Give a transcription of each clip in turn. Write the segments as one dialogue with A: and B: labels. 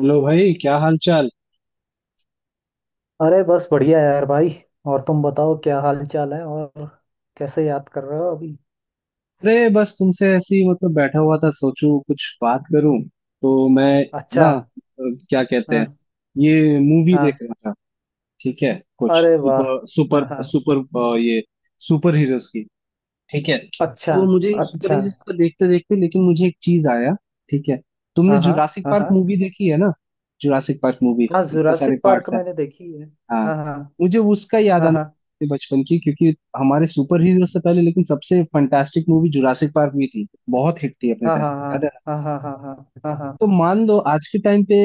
A: Hello भाई, क्या हाल चाल।
B: अरे बस बढ़िया यार भाई। और तुम बताओ, क्या हाल चाल है? और कैसे याद कर रहे हो अभी?
A: अरे बस तुमसे ऐसे ही मतलब बैठा हुआ था, सोचूं कुछ बात करूं। तो मैं ना
B: अच्छा।
A: क्या कहते हैं,
B: हाँ
A: ये मूवी देख
B: हाँ।
A: रहा था। ठीक है, कुछ
B: अरे वाह।
A: सुपर सुपर
B: हाँ हाँ।
A: सुपर ये सुपर हीरोज की। ठीक है,
B: अच्छा।
A: तो मुझे सुपर
B: अच्छा।
A: हीरोज को देखते देखते लेकिन मुझे एक चीज आया। ठीक है, तुमने
B: हाँ हाँ
A: जुरासिक
B: हाँ
A: पार्क
B: हाँ
A: मूवी देखी है ना? जुरासिक पार्क मूवी,
B: हाँ।
A: इतने सारे
B: जुरासिक पार्क
A: पार्ट्स हैं।
B: मैंने देखी है।
A: हाँ,
B: हाँ हाँ
A: मुझे उसका याद आना
B: हाँ
A: अपने बचपन की, क्योंकि हमारे सुपर हीरो से पहले लेकिन सबसे फंटास्टिक मूवी जुरासिक पार्क भी थी, बहुत हिट थी अपने
B: हाँ
A: टाइम।
B: हाँ
A: याद है ना?
B: हाँ हाँ हाँ। हाँ हाँ हाँ हाँ
A: तो
B: हाँ
A: मान लो आज के टाइम पे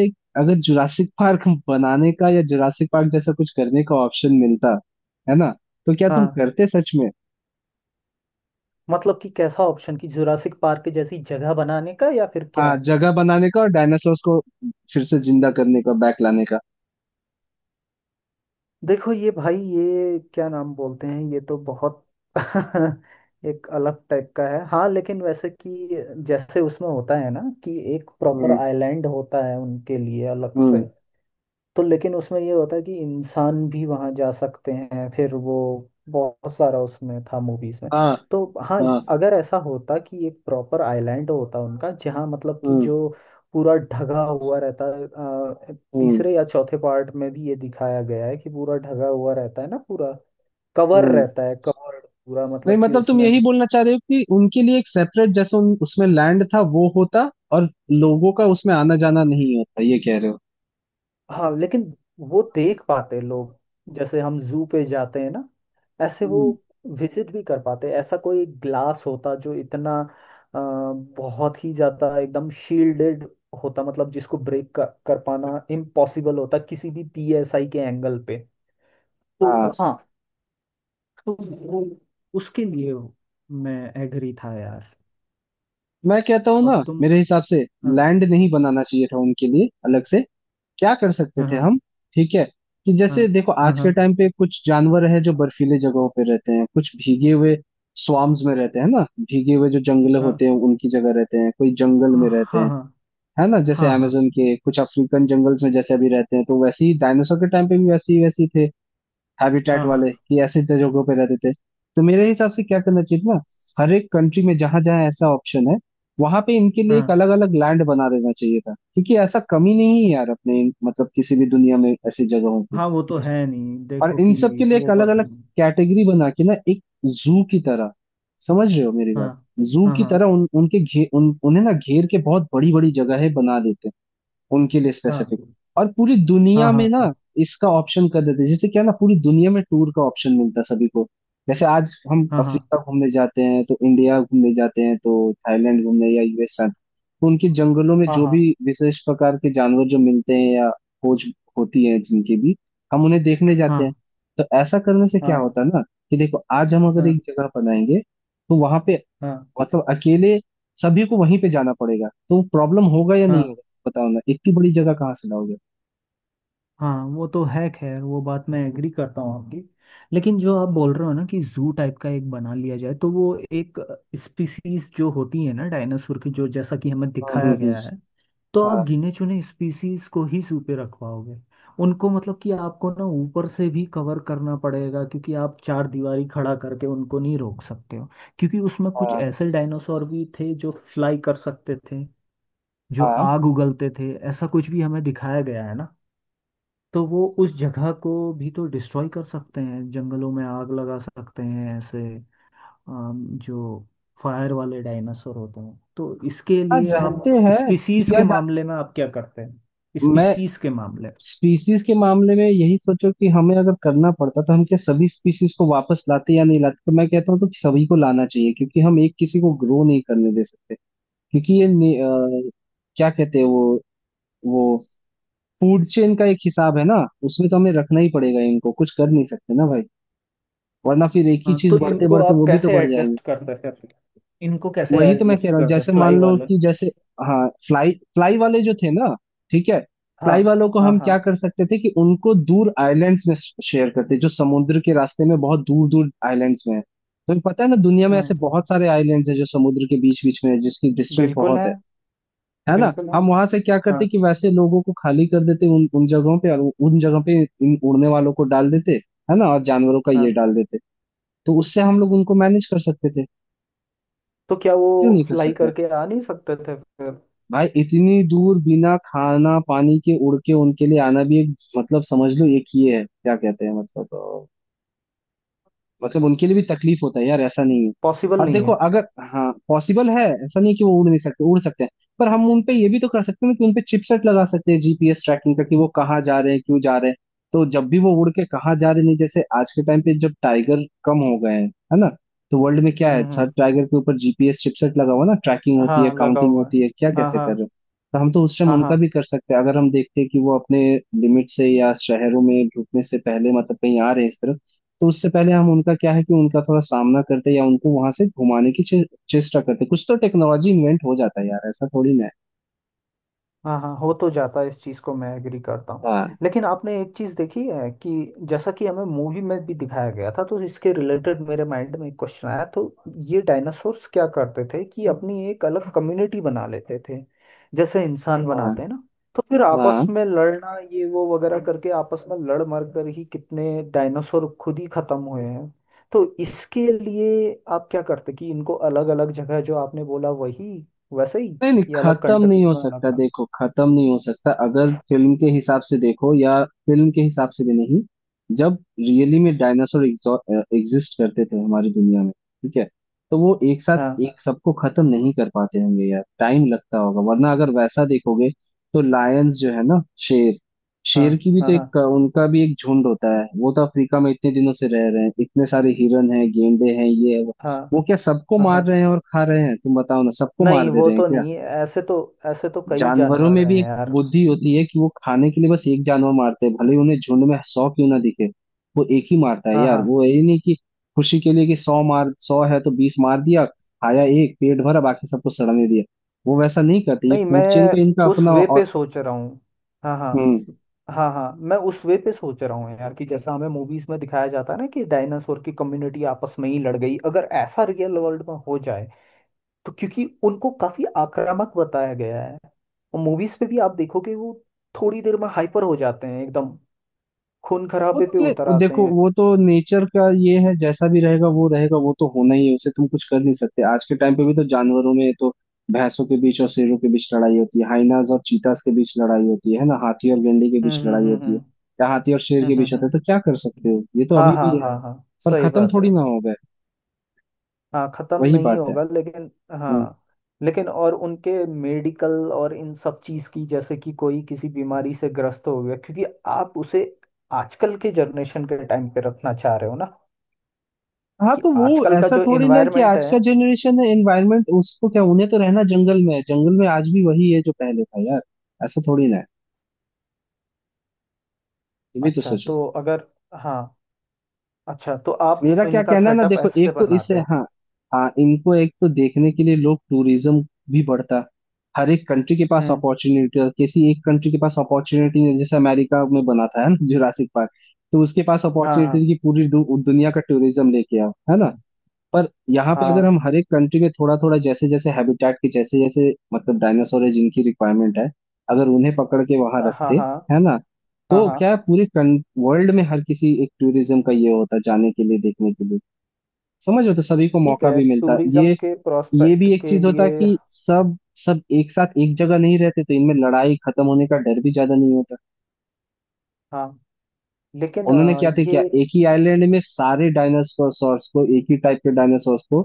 A: अगर जुरासिक पार्क बनाने का या जुरासिक पार्क जैसा कुछ करने का ऑप्शन मिलता, है ना, तो क्या तुम
B: हाँ।
A: करते सच में?
B: मतलब कि कैसा ऑप्शन, कि जुरासिक पार्क जैसी जगह बनाने का या फिर क्या?
A: हाँ, जगह बनाने का और डायनासोर्स को फिर से जिंदा करने का, बैक लाने का।
B: देखो ये भाई, ये क्या नाम बोलते हैं, ये तो बहुत एक अलग टाइप का है। हाँ, लेकिन वैसे कि जैसे उसमें होता है ना, कि एक प्रॉपर
A: हम्म।
B: आइलैंड होता है उनके लिए अलग से।
A: हम्म।
B: तो लेकिन उसमें ये होता है कि इंसान भी वहां जा सकते हैं, फिर वो बहुत सारा उसमें था मूवीज में।
A: हाँ
B: तो हाँ,
A: हाँ।
B: अगर ऐसा होता कि एक प्रॉपर आइलैंड होता उनका, जहाँ मतलब कि
A: हम्म।
B: जो पूरा ढगा हुआ रहता है।
A: हम्म।
B: तीसरे या चौथे पार्ट में भी ये दिखाया गया है कि पूरा ढगा हुआ रहता है ना, पूरा कवर
A: हम्म।
B: रहता है, कवर। पूरा
A: नहीं
B: मतलब कि
A: मतलब तुम
B: उसमें
A: यही बोलना चाह रहे हो कि उनके लिए एक सेपरेट, जैसे उसमें लैंड था वो होता और लोगों का उसमें आना जाना नहीं होता, ये कह रहे हो?
B: हाँ, लेकिन वो देख पाते हैं लोग, जैसे हम जू पे जाते हैं ना, ऐसे वो
A: हम्म।
B: विजिट भी कर पाते हैं। ऐसा कोई ग्लास होता जो इतना अ, बहुत ही ज्यादा एकदम शील्डेड होता, मतलब जिसको ब्रेक कर पाना इम्पॉसिबल होता किसी भी पीएसआई के एंगल पे। तो
A: हाँ
B: हाँ, तो वो उसके लिए मैं एग्री था यार।
A: मैं कहता हूँ ना,
B: और तुम?
A: मेरे हिसाब से
B: हाँ
A: लैंड नहीं बनाना चाहिए था उनके लिए अलग से। क्या कर सकते
B: हाँ
A: थे
B: हाँ
A: हम, ठीक है, कि जैसे देखो
B: हाँ
A: आज के
B: हाँ
A: टाइम पे कुछ जानवर है जो बर्फीले जगहों पे रहते हैं, कुछ भीगे हुए स्वाम्स में रहते हैं ना, भीगे हुए जो जंगल होते
B: हाँ
A: हैं उनकी जगह रहते हैं, कोई जंगल
B: हाँ
A: में रहते
B: हाँ।
A: हैं, है ना। जैसे
B: हाँ हाँ
A: amazon के कुछ अफ्रीकन जंगल्स में जैसे अभी रहते हैं, तो वैसे ही डायनासोर के टाइम पे भी वैसे ही थे हैबिटेट
B: हाँ
A: वाले,
B: हाँ
A: कि ऐसे जगहों पे रहते थे। तो मेरे हिसाब से क्या करना चाहिए ना, हर एक कंट्री में जहां जहां ऐसा ऑप्शन है, वहां पे इनके लिए एक
B: हाँ
A: अलग अलग लैंड बना देना चाहिए था, क्योंकि ऐसा कमी नहीं है यार अपने मतलब किसी भी दुनिया में ऐसी जगहों की।
B: हाँ। वो तो है नहीं,
A: और
B: देखो
A: इन
B: कि
A: सब के लिए एक
B: वो
A: अलग
B: बात
A: अलग कैटेगरी बना के ना, एक जू की तरह। समझ रहे हो मेरी
B: हाँ
A: बात? जू
B: हाँ
A: की
B: हाँ
A: तरह उन उनके घे उन्हें ना घेर के बहुत बड़ी बड़ी जगह है बना देते हैं उनके लिए स्पेसिफिक।
B: हाँ
A: और पूरी
B: हाँ
A: दुनिया में ना
B: हाँ
A: इसका ऑप्शन कर देते, जैसे क्या ना, पूरी दुनिया में टूर का ऑप्शन मिलता सभी को। जैसे आज हम
B: हाँ हाँ।
A: अफ्रीका घूमने जाते हैं तो इंडिया घूमने जाते हैं तो थाईलैंड घूमने या यूएस जाते हैं, तो उनके जंगलों में
B: हाँ
A: जो
B: हाँ
A: भी विशेष प्रकार के जानवर जो मिलते हैं या खोज होती है जिनके भी, हम उन्हें देखने जाते हैं।
B: हाँ
A: तो ऐसा करने से क्या
B: हाँ
A: होता है ना, कि देखो आज हम अगर
B: हाँ
A: एक जगह बनाएंगे तो वहां पे
B: हाँ
A: मतलब अकेले सभी को वहीं पे जाना पड़ेगा, तो प्रॉब्लम होगा या नहीं
B: हाँ
A: होगा? बताओ ना, इतनी बड़ी जगह कहाँ से लाओगे।
B: हाँ। वो तो है, खैर वो बात मैं एग्री करता हूँ आपकी। लेकिन जो आप बोल रहे हो ना, कि जू टाइप का एक बना लिया जाए, तो वो एक स्पीसीज जो होती है ना डायनासोर की, जो जैसा कि हमें
A: हम्म। हम्म।
B: दिखाया गया है,
A: हम्म।
B: तो आप
A: हाँ
B: गिने चुने स्पीसीज को ही जू पे रखवाओगे। उनको मतलब कि आपको ना ऊपर से भी कवर करना पड़ेगा, क्योंकि आप चार दीवारी खड़ा करके उनको नहीं रोक सकते हो। क्योंकि उसमें कुछ
A: हाँ
B: ऐसे डायनासोर भी थे जो फ्लाई कर सकते थे, जो
A: हाँ
B: आग उगलते थे, ऐसा कुछ भी हमें दिखाया गया है ना। तो वो उस जगह को भी तो डिस्ट्रॉय कर सकते हैं, जंगलों में आग लगा सकते हैं ऐसे। जो फायर वाले डायनासोर होते हैं, तो इसके
A: हाँ,
B: लिए
A: रहते
B: आप
A: हैं
B: स्पीसीज
A: किया
B: के
A: जा
B: मामले में आप क्या करते हैं,
A: मैं
B: स्पीसीज के मामले में?
A: स्पीसीज के मामले में यही सोचो कि हमें अगर करना पड़ता तो हम क्या सभी स्पीसीज को वापस लाते या नहीं लाते, तो मैं कहता हूँ तो सभी को लाना चाहिए, क्योंकि हम एक किसी को ग्रो नहीं करने दे सकते। क्योंकि ये क्या कहते हैं वो फूड चेन का एक हिसाब है ना, उसमें तो हमें रखना ही पड़ेगा इनको, कुछ कर नहीं सकते ना भाई। वरना फिर एक ही
B: हाँ,
A: चीज
B: तो
A: बढ़ते
B: इनको
A: बढ़ते
B: आप
A: वो भी तो
B: कैसे
A: बढ़ जाएंगे।
B: एडजस्ट करते हैं फिर, इनको कैसे
A: वही तो मैं कह
B: एडजस्ट
A: रहा हूँ,
B: करते हैं
A: जैसे
B: फ्लाई
A: मान लो
B: वाले?
A: कि जैसे हाँ फ्लाई फ्लाई वाले जो थे ना, ठीक है,
B: हाँ
A: फ्लाई वालों को
B: हाँ
A: हम
B: हाँ।
A: क्या कर सकते थे कि उनको दूर आइलैंड्स में शेयर करते, जो समुद्र के रास्ते में बहुत दूर दूर आइलैंड्स में है। तुम्हें पता है ना, दुनिया में ऐसे
B: हम्म।
A: बहुत सारे आइलैंड्स हैं जो समुद्र के बीच बीच में है, जिसकी डिस्टेंस
B: बिल्कुल
A: बहुत
B: है।
A: है ना।
B: बिल्कुल है।
A: हम वहां से क्या
B: हाँ
A: करते कि वैसे लोगों को खाली कर देते उन उन जगहों पे, और उन जगह पे इन उड़ने वालों को डाल देते, है ना, और जानवरों का ये
B: हाँ।
A: डाल देते। तो उससे हम लोग उनको मैनेज कर सकते थे।
B: तो क्या
A: क्यों
B: वो
A: नहीं कर
B: फ्लाई
A: सकते,
B: करके आ नहीं सकते थे फिर?
A: भाई इतनी दूर बिना खाना पानी के उड़ के उनके लिए आना भी एक मतलब समझ लो एक ही है, क्या कहते हैं मतलब, मतलब उनके लिए भी तकलीफ होता है यार, ऐसा नहीं है।
B: पॉसिबल
A: और
B: नहीं
A: देखो
B: है।
A: अगर, हाँ पॉसिबल है, ऐसा नहीं है कि वो उड़ नहीं सकते, उड़ सकते हैं। पर हम उनपे ये भी तो कर सकते हैं ना कि उनपे चिपसेट लगा सकते हैं जीपीएस ट्रैकिंग का, कि वो कहाँ जा रहे हैं क्यों जा रहे हैं। तो जब भी वो उड़ के कहाँ जा रहे हैं, नहीं, जैसे आज के टाइम पे जब टाइगर कम हो गए हैं, है ना, तो वर्ल्ड में क्या है
B: हम्म
A: सर,
B: हम्म,
A: टाइगर के ऊपर जीपीएस चिपसेट लगा हुआ ना, ट्रैकिंग होती है,
B: हाँ लगा
A: काउंटिंग
B: हुआ है।
A: होती है, क्या
B: हाँ
A: कैसे कर रहे
B: हाँ
A: हैं। तो हम तो उस टाइम
B: हाँ
A: उनका
B: हाँ
A: भी कर सकते हैं, अगर हम देखते हैं कि वो अपने लिमिट से या शहरों में ढुकने से पहले मतलब कहीं आ रहे हैं इस तरफ, तो उससे पहले हम उनका क्या है कि उनका थोड़ा सामना करते या उनको वहां से घुमाने की चेष्टा करते। कुछ तो टेक्नोलॉजी इन्वेंट हो जाता है यार, ऐसा थोड़ी ना है।
B: हाँ हाँ। हो तो जाता है, इस चीज़ को मैं एग्री करता हूँ।
A: हाँ।
B: लेकिन आपने एक चीज़ देखी है कि जैसा कि हमें मूवी में भी दिखाया गया था, तो इसके रिलेटेड मेरे माइंड में एक क्वेश्चन आया, तो ये डायनासोर्स क्या करते थे कि अपनी एक अलग कम्युनिटी बना लेते थे, जैसे इंसान
A: हाँ
B: बनाते हैं ना। तो फिर आपस
A: हाँ।
B: में लड़ना, ये वो वगैरह करके आपस में लड़ मर कर ही कितने डायनासोर खुद ही खत्म हुए हैं। तो इसके लिए आप क्या करते कि इनको अलग अलग जगह, जो आपने बोला वही वैसे ही,
A: नहीं नहीं,
B: कि अलग
A: खत्म नहीं
B: कंट्रीज
A: हो
B: में अलग
A: सकता।
B: अलग।
A: देखो खत्म नहीं हो सकता, अगर फिल्म के हिसाब से देखो या फिल्म के हिसाब से भी नहीं, जब रियली में डायनासोर एग्जिस्ट करते थे हमारी दुनिया में, ठीक है, तो वो एक साथ
B: हाँ
A: एक सबको खत्म नहीं कर पाते होंगे यार, टाइम लगता होगा। वरना अगर वैसा देखोगे तो लायंस जो है ना, शेर,
B: हाँ
A: शेर की भी तो
B: हाँ हाँ
A: एक उनका भी एक झुंड होता है, वो तो अफ्रीका में इतने दिनों से रह रहे हैं, इतने सारे हिरन हैं, गेंडे हैं, ये है वो।
B: हाँ
A: वो क्या सबको
B: हाँ
A: मार
B: हाँ।
A: रहे हैं और खा रहे हैं? तुम बताओ ना, सबको मार
B: नहीं,
A: दे
B: वो
A: रहे हैं
B: तो
A: क्या?
B: नहीं ऐसे तो, ऐसे तो कई
A: जानवरों
B: जानवर
A: में भी
B: हैं
A: एक
B: यार।
A: बुद्धि होती है कि वो खाने के लिए बस एक जानवर मारते हैं, भले ही उन्हें झुंड में सौ क्यों ना दिखे। वो एक ही मारता है
B: हाँ
A: यार,
B: हाँ।
A: वो ये नहीं कि खुशी के लिए कि सौ मार, सौ है तो बीस मार दिया, खाया एक पेट भरा बाकी सबको सड़ने दिया। वो वैसा नहीं करते, ये
B: नहीं, मैं
A: फूड चेन का इनका
B: उस
A: अपना
B: वे
A: और।
B: पे सोच रहा हूँ। हाँ हाँ
A: हम्म।
B: हाँ हाँ, मैं उस वे पे सोच रहा हूँ यार, कि जैसा हमें मूवीज में दिखाया जाता है ना, कि डायनासोर की कम्युनिटी आपस में ही लड़ गई, अगर ऐसा रियल वर्ल्ड में हो जाए तो, क्योंकि उनको काफी आक्रामक बताया गया है, और मूवीज पे भी आप देखोगे वो थोड़ी देर में हाइपर हो जाते हैं एकदम, खून
A: वो
B: खराबे
A: तो
B: पे
A: क्लियर,
B: उतर
A: वो
B: आते
A: देखो
B: हैं।
A: वो तो नेचर का ये है, जैसा भी रहेगा वो रहेगा, वो तो होना ही है, उसे तुम कुछ कर नहीं सकते। आज के टाइम पे भी तो जानवरों में तो भैंसों के बीच और शेरों के बीच लड़ाई होती है, हाइनास और चीतास के बीच लड़ाई होती है ना, हाथी और गेंडे के बीच
B: हम्म हम्म
A: लड़ाई
B: हम्म
A: होती है
B: हम्म।
A: या हाथी और शेर
B: हम्म
A: के
B: हम्म
A: बीच होता
B: हम्म।
A: है, तो क्या कर सकते हो, ये तो
B: हाँ
A: अभी
B: हाँ
A: भी है।
B: हाँ हाँ।
A: पर
B: सही
A: खत्म
B: बात
A: थोड़ी
B: है।
A: ना हो गए,
B: हाँ, खत्म
A: वही
B: नहीं
A: बात है।
B: होगा लेकिन।
A: हम्म।
B: हाँ, लेकिन और उनके मेडिकल और इन सब चीज की, जैसे कि कोई किसी बीमारी से ग्रस्त हो गया, क्योंकि आप उसे आजकल के जनरेशन के टाइम पे रखना चाह रहे हो ना,
A: हाँ
B: कि
A: तो वो
B: आजकल का
A: ऐसा
B: जो
A: थोड़ी ना है कि
B: इन्वायरमेंट
A: आज
B: है।
A: का जनरेशन है एनवायरमेंट, उसको क्या, उन्हें तो रहना जंगल में है, जंगल में आज भी वही है जो पहले था यार, ऐसा थोड़ी ना है। ये भी तो
B: अच्छा,
A: सोचो।
B: तो अगर हाँ, अच्छा तो आप
A: मेरा क्या
B: इनका
A: कहना है ना,
B: सेटअप
A: देखो
B: ऐसे
A: एक तो इससे,
B: बनाते हैं।
A: हाँ, हाँ इनको एक तो देखने के लिए लोग, टूरिज्म भी बढ़ता। हर एक कंट्री के पास
B: हम्म।
A: अपॉर्चुनिटी है, किसी एक कंट्री के पास अपॉर्चुनिटी नहीं है, जैसे अमेरिका में बना था है ना जुरासिक पार्क, तो उसके पास अपॉर्चुनिटी
B: हाँ
A: थी कि पूरी दुनिया का टूरिज्म लेके आओ, है ना। पर यहाँ पे अगर
B: हाँ
A: हम हर एक कंट्री में थोड़ा थोड़ा जैसे जैसे हैबिटेट के जैसे जैसे मतलब डायनासोर है जिनकी रिक्वायरमेंट है, अगर उन्हें पकड़ के वहां
B: हाँ हाँ
A: रखते,
B: हाँ
A: है ना,
B: हाँ
A: तो
B: हाँ।
A: क्या है, पूरे वर्ल्ड में हर किसी एक टूरिज्म का ये होता जाने के लिए देखने के लिए। समझ रहे हो, तो सभी को
B: ठीक
A: मौका
B: है,
A: भी मिलता
B: टूरिज्म
A: ये।
B: के
A: ये
B: प्रोस्पेक्ट
A: भी एक
B: के
A: चीज होता
B: लिए।
A: कि सब सब एक साथ एक जगह नहीं रहते तो इनमें लड़ाई खत्म होने का डर भी ज्यादा नहीं होता।
B: हाँ, लेकिन
A: उन्होंने क्या थे क्या,
B: ये
A: एक ही आइलैंड में सारे डायनासोर्स को, एक ही टाइप के डायनासोर्स को,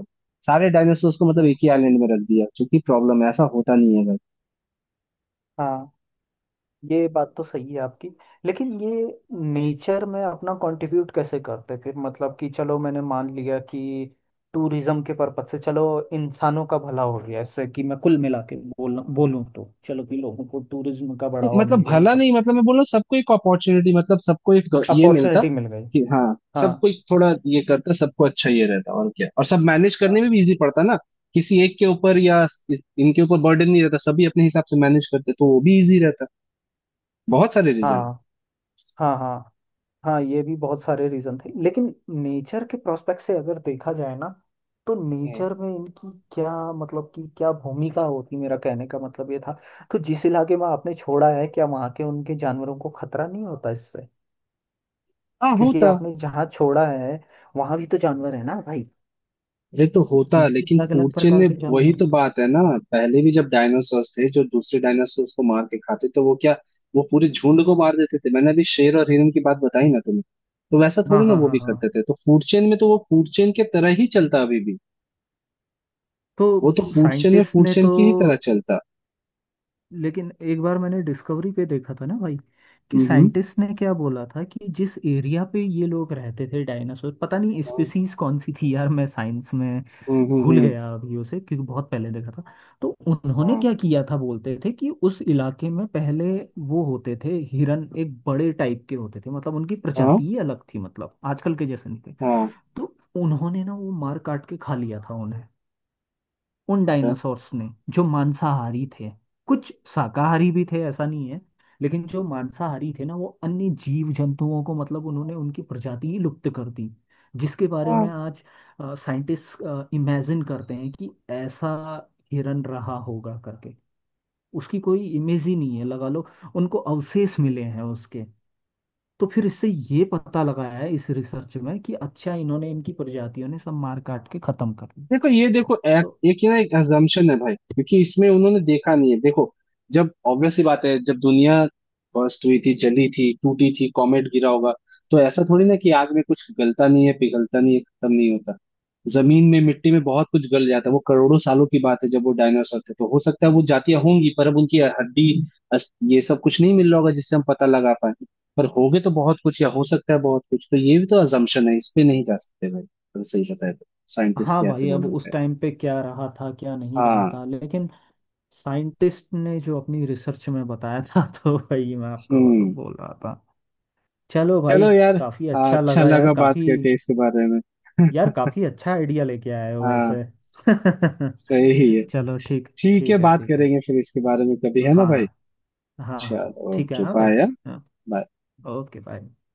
A: सारे डायनासोर्स को मतलब एक
B: हम्म,
A: ही आइलैंड में रख दिया, क्योंकि प्रॉब्लम है, ऐसा होता नहीं है भाई।
B: हाँ ये बात तो सही है आपकी। लेकिन ये नेचर में अपना कंट्रीब्यूट कैसे करते फिर, मतलब कि चलो, मैंने मान लिया कि टूरिज्म के पर्पज से, चलो इंसानों का भला हो गया इससे, कि मैं कुल मिला के बोलूँ तो चलो कि लोगों को टूरिज्म का बढ़ावा मिल
A: मतलब
B: गया, ये
A: भला
B: सब
A: नहीं मतलब मैं बोल रहा हूँ सबको एक अपॉर्चुनिटी, मतलब सबको एक ये मिलता,
B: अपॉर्चुनिटी मिल गई।
A: कि हाँ
B: हाँ
A: सबको एक थोड़ा ये करता, सबको अच्छा ये रहता, और क्या, और सब मैनेज
B: अ,
A: करने में भी इजी पड़ता ना, किसी एक के ऊपर या इनके ऊपर बर्डन नहीं रहता, सभी अपने हिसाब से मैनेज करते तो वो भी इजी रहता। बहुत सारे रीजन।
B: हाँ हाँ हाँ हाँ। ये भी बहुत सारे रीजन थे, लेकिन नेचर के प्रोस्पेक्ट से अगर देखा जाए ना, तो नेचर में इनकी क्या, मतलब कि क्या भूमिका होती, मेरा कहने का मतलब ये था। तो जिस इलाके में आपने छोड़ा है, क्या वहाँ के उनके जानवरों को खतरा नहीं होता इससे?
A: हाँ
B: क्योंकि
A: होता।
B: आपने जहाँ छोड़ा है, वहाँ भी तो जानवर है ना भाई,
A: अरे तो होता है, लेकिन
B: अलग अलग
A: फूड चेन
B: प्रकार
A: में
B: के
A: वही
B: जानवर
A: तो
B: हैं।
A: बात है ना। पहले भी जब डायनासोर थे जो दूसरे डायनासोर को मार के खाते, तो वो क्या, वो पूरे झुंड को मार देते थे? मैंने अभी शेर और हिरन की बात बताई ना तुम्हें, तो वैसा
B: हाँ
A: थोड़ी ना
B: हाँ
A: वो
B: हाँ
A: भी
B: हाँ।
A: करते थे, तो फूड चेन में तो वो फूड चेन के तरह ही चलता अभी भी।
B: तो
A: वो तो फूड चेन में
B: साइंटिस्ट
A: फूड
B: ने
A: चेन
B: तो,
A: की ही तरह चलता।
B: लेकिन एक बार मैंने डिस्कवरी पे देखा था ना भाई, कि
A: हम्म।
B: साइंटिस्ट ने क्या बोला था, कि जिस एरिया पे ये लोग रहते थे डायनासोर, पता नहीं स्पीसीज कौन सी थी यार, मैं साइंस में
A: हम्म। हम्म।
B: भूल गया अभी उसे क्योंकि बहुत पहले देखा था। तो उन्होंने
A: हाँ
B: क्या किया था, बोलते थे कि उस इलाके में पहले वो होते थे हिरन, एक बड़े टाइप के होते थे, मतलब उनकी
A: हाँ
B: प्रजाति ही अलग थी, मतलब आजकल के जैसे नहीं थे।
A: हाँ
B: तो उन्होंने ना वो मार काट के खा लिया था उन्हें, उन डायनासोर्स ने जो मांसाहारी थे, कुछ शाकाहारी भी थे ऐसा नहीं है, लेकिन जो मांसाहारी थे ना, वो अन्य जीव जंतुओं को मतलब उन्होंने उनकी प्रजाति ही लुप्त कर दी, जिसके बारे
A: हाँ।
B: में आज साइंटिस्ट इमेजिन करते हैं कि ऐसा हिरन रहा होगा करके, उसकी कोई इमेज ही नहीं है लगा लो, उनको अवशेष मिले हैं उसके। तो फिर इससे ये पता लगाया है इस रिसर्च में कि अच्छा इन्होंने, इनकी प्रजातियों ने सब मार काट के खत्म कर दी।
A: देखो ये देखो एक,
B: तो
A: एक ये ना एक assumption है भाई, क्योंकि इसमें उन्होंने देखा नहीं है। देखो जब ऑब्वियस सी बात है, जब दुनिया बस्ट हुई थी, जली थी, टूटी थी, कॉमेट गिरा होगा, तो ऐसा थोड़ी ना कि आग में कुछ गलता नहीं है, पिघलता नहीं है, खत्म नहीं होता। जमीन में मिट्टी में बहुत कुछ गल जाता है, वो करोड़ों सालों की बात है, जब वो डायनासोर थे तो हो सकता है वो जातियां होंगी, पर अब उनकी हड्डी ये सब कुछ नहीं मिल रहा होगा जिससे हम पता लगा पाए। पर होगे तो बहुत कुछ या हो सकता है बहुत कुछ, तो ये भी तो assumption है, इस पे नहीं जा सकते भाई अगर सही बताए तो। साइंटिस्ट
B: हाँ
A: कैसे
B: भाई, अब
A: बोलने
B: उस
A: पे।
B: टाइम पे क्या रहा था क्या नहीं रहा
A: हाँ।
B: था, लेकिन साइंटिस्ट ने जो अपनी रिसर्च में बताया था तो भाई मैं आपको वो तो
A: हम्म।
B: बोल रहा था। चलो भाई,
A: चलो यार।
B: काफी
A: हाँ
B: अच्छा
A: अच्छा
B: लगा यार,
A: लगा बात
B: काफी।
A: करके इसके बारे में।
B: यार काफी अच्छा आइडिया लेके आए हो
A: हाँ
B: वैसे।
A: सही है।
B: चलो ठीक।
A: ठीक है
B: ठीक है।
A: बात
B: ठीक है।
A: करेंगे फिर इसके बारे में कभी,
B: हाँ
A: है ना भाई।
B: हाँ हाँ
A: चलो
B: ठीक है
A: ओके
B: हाँ भाई।
A: बाय।
B: हाँ
A: बाय।
B: Okay bye.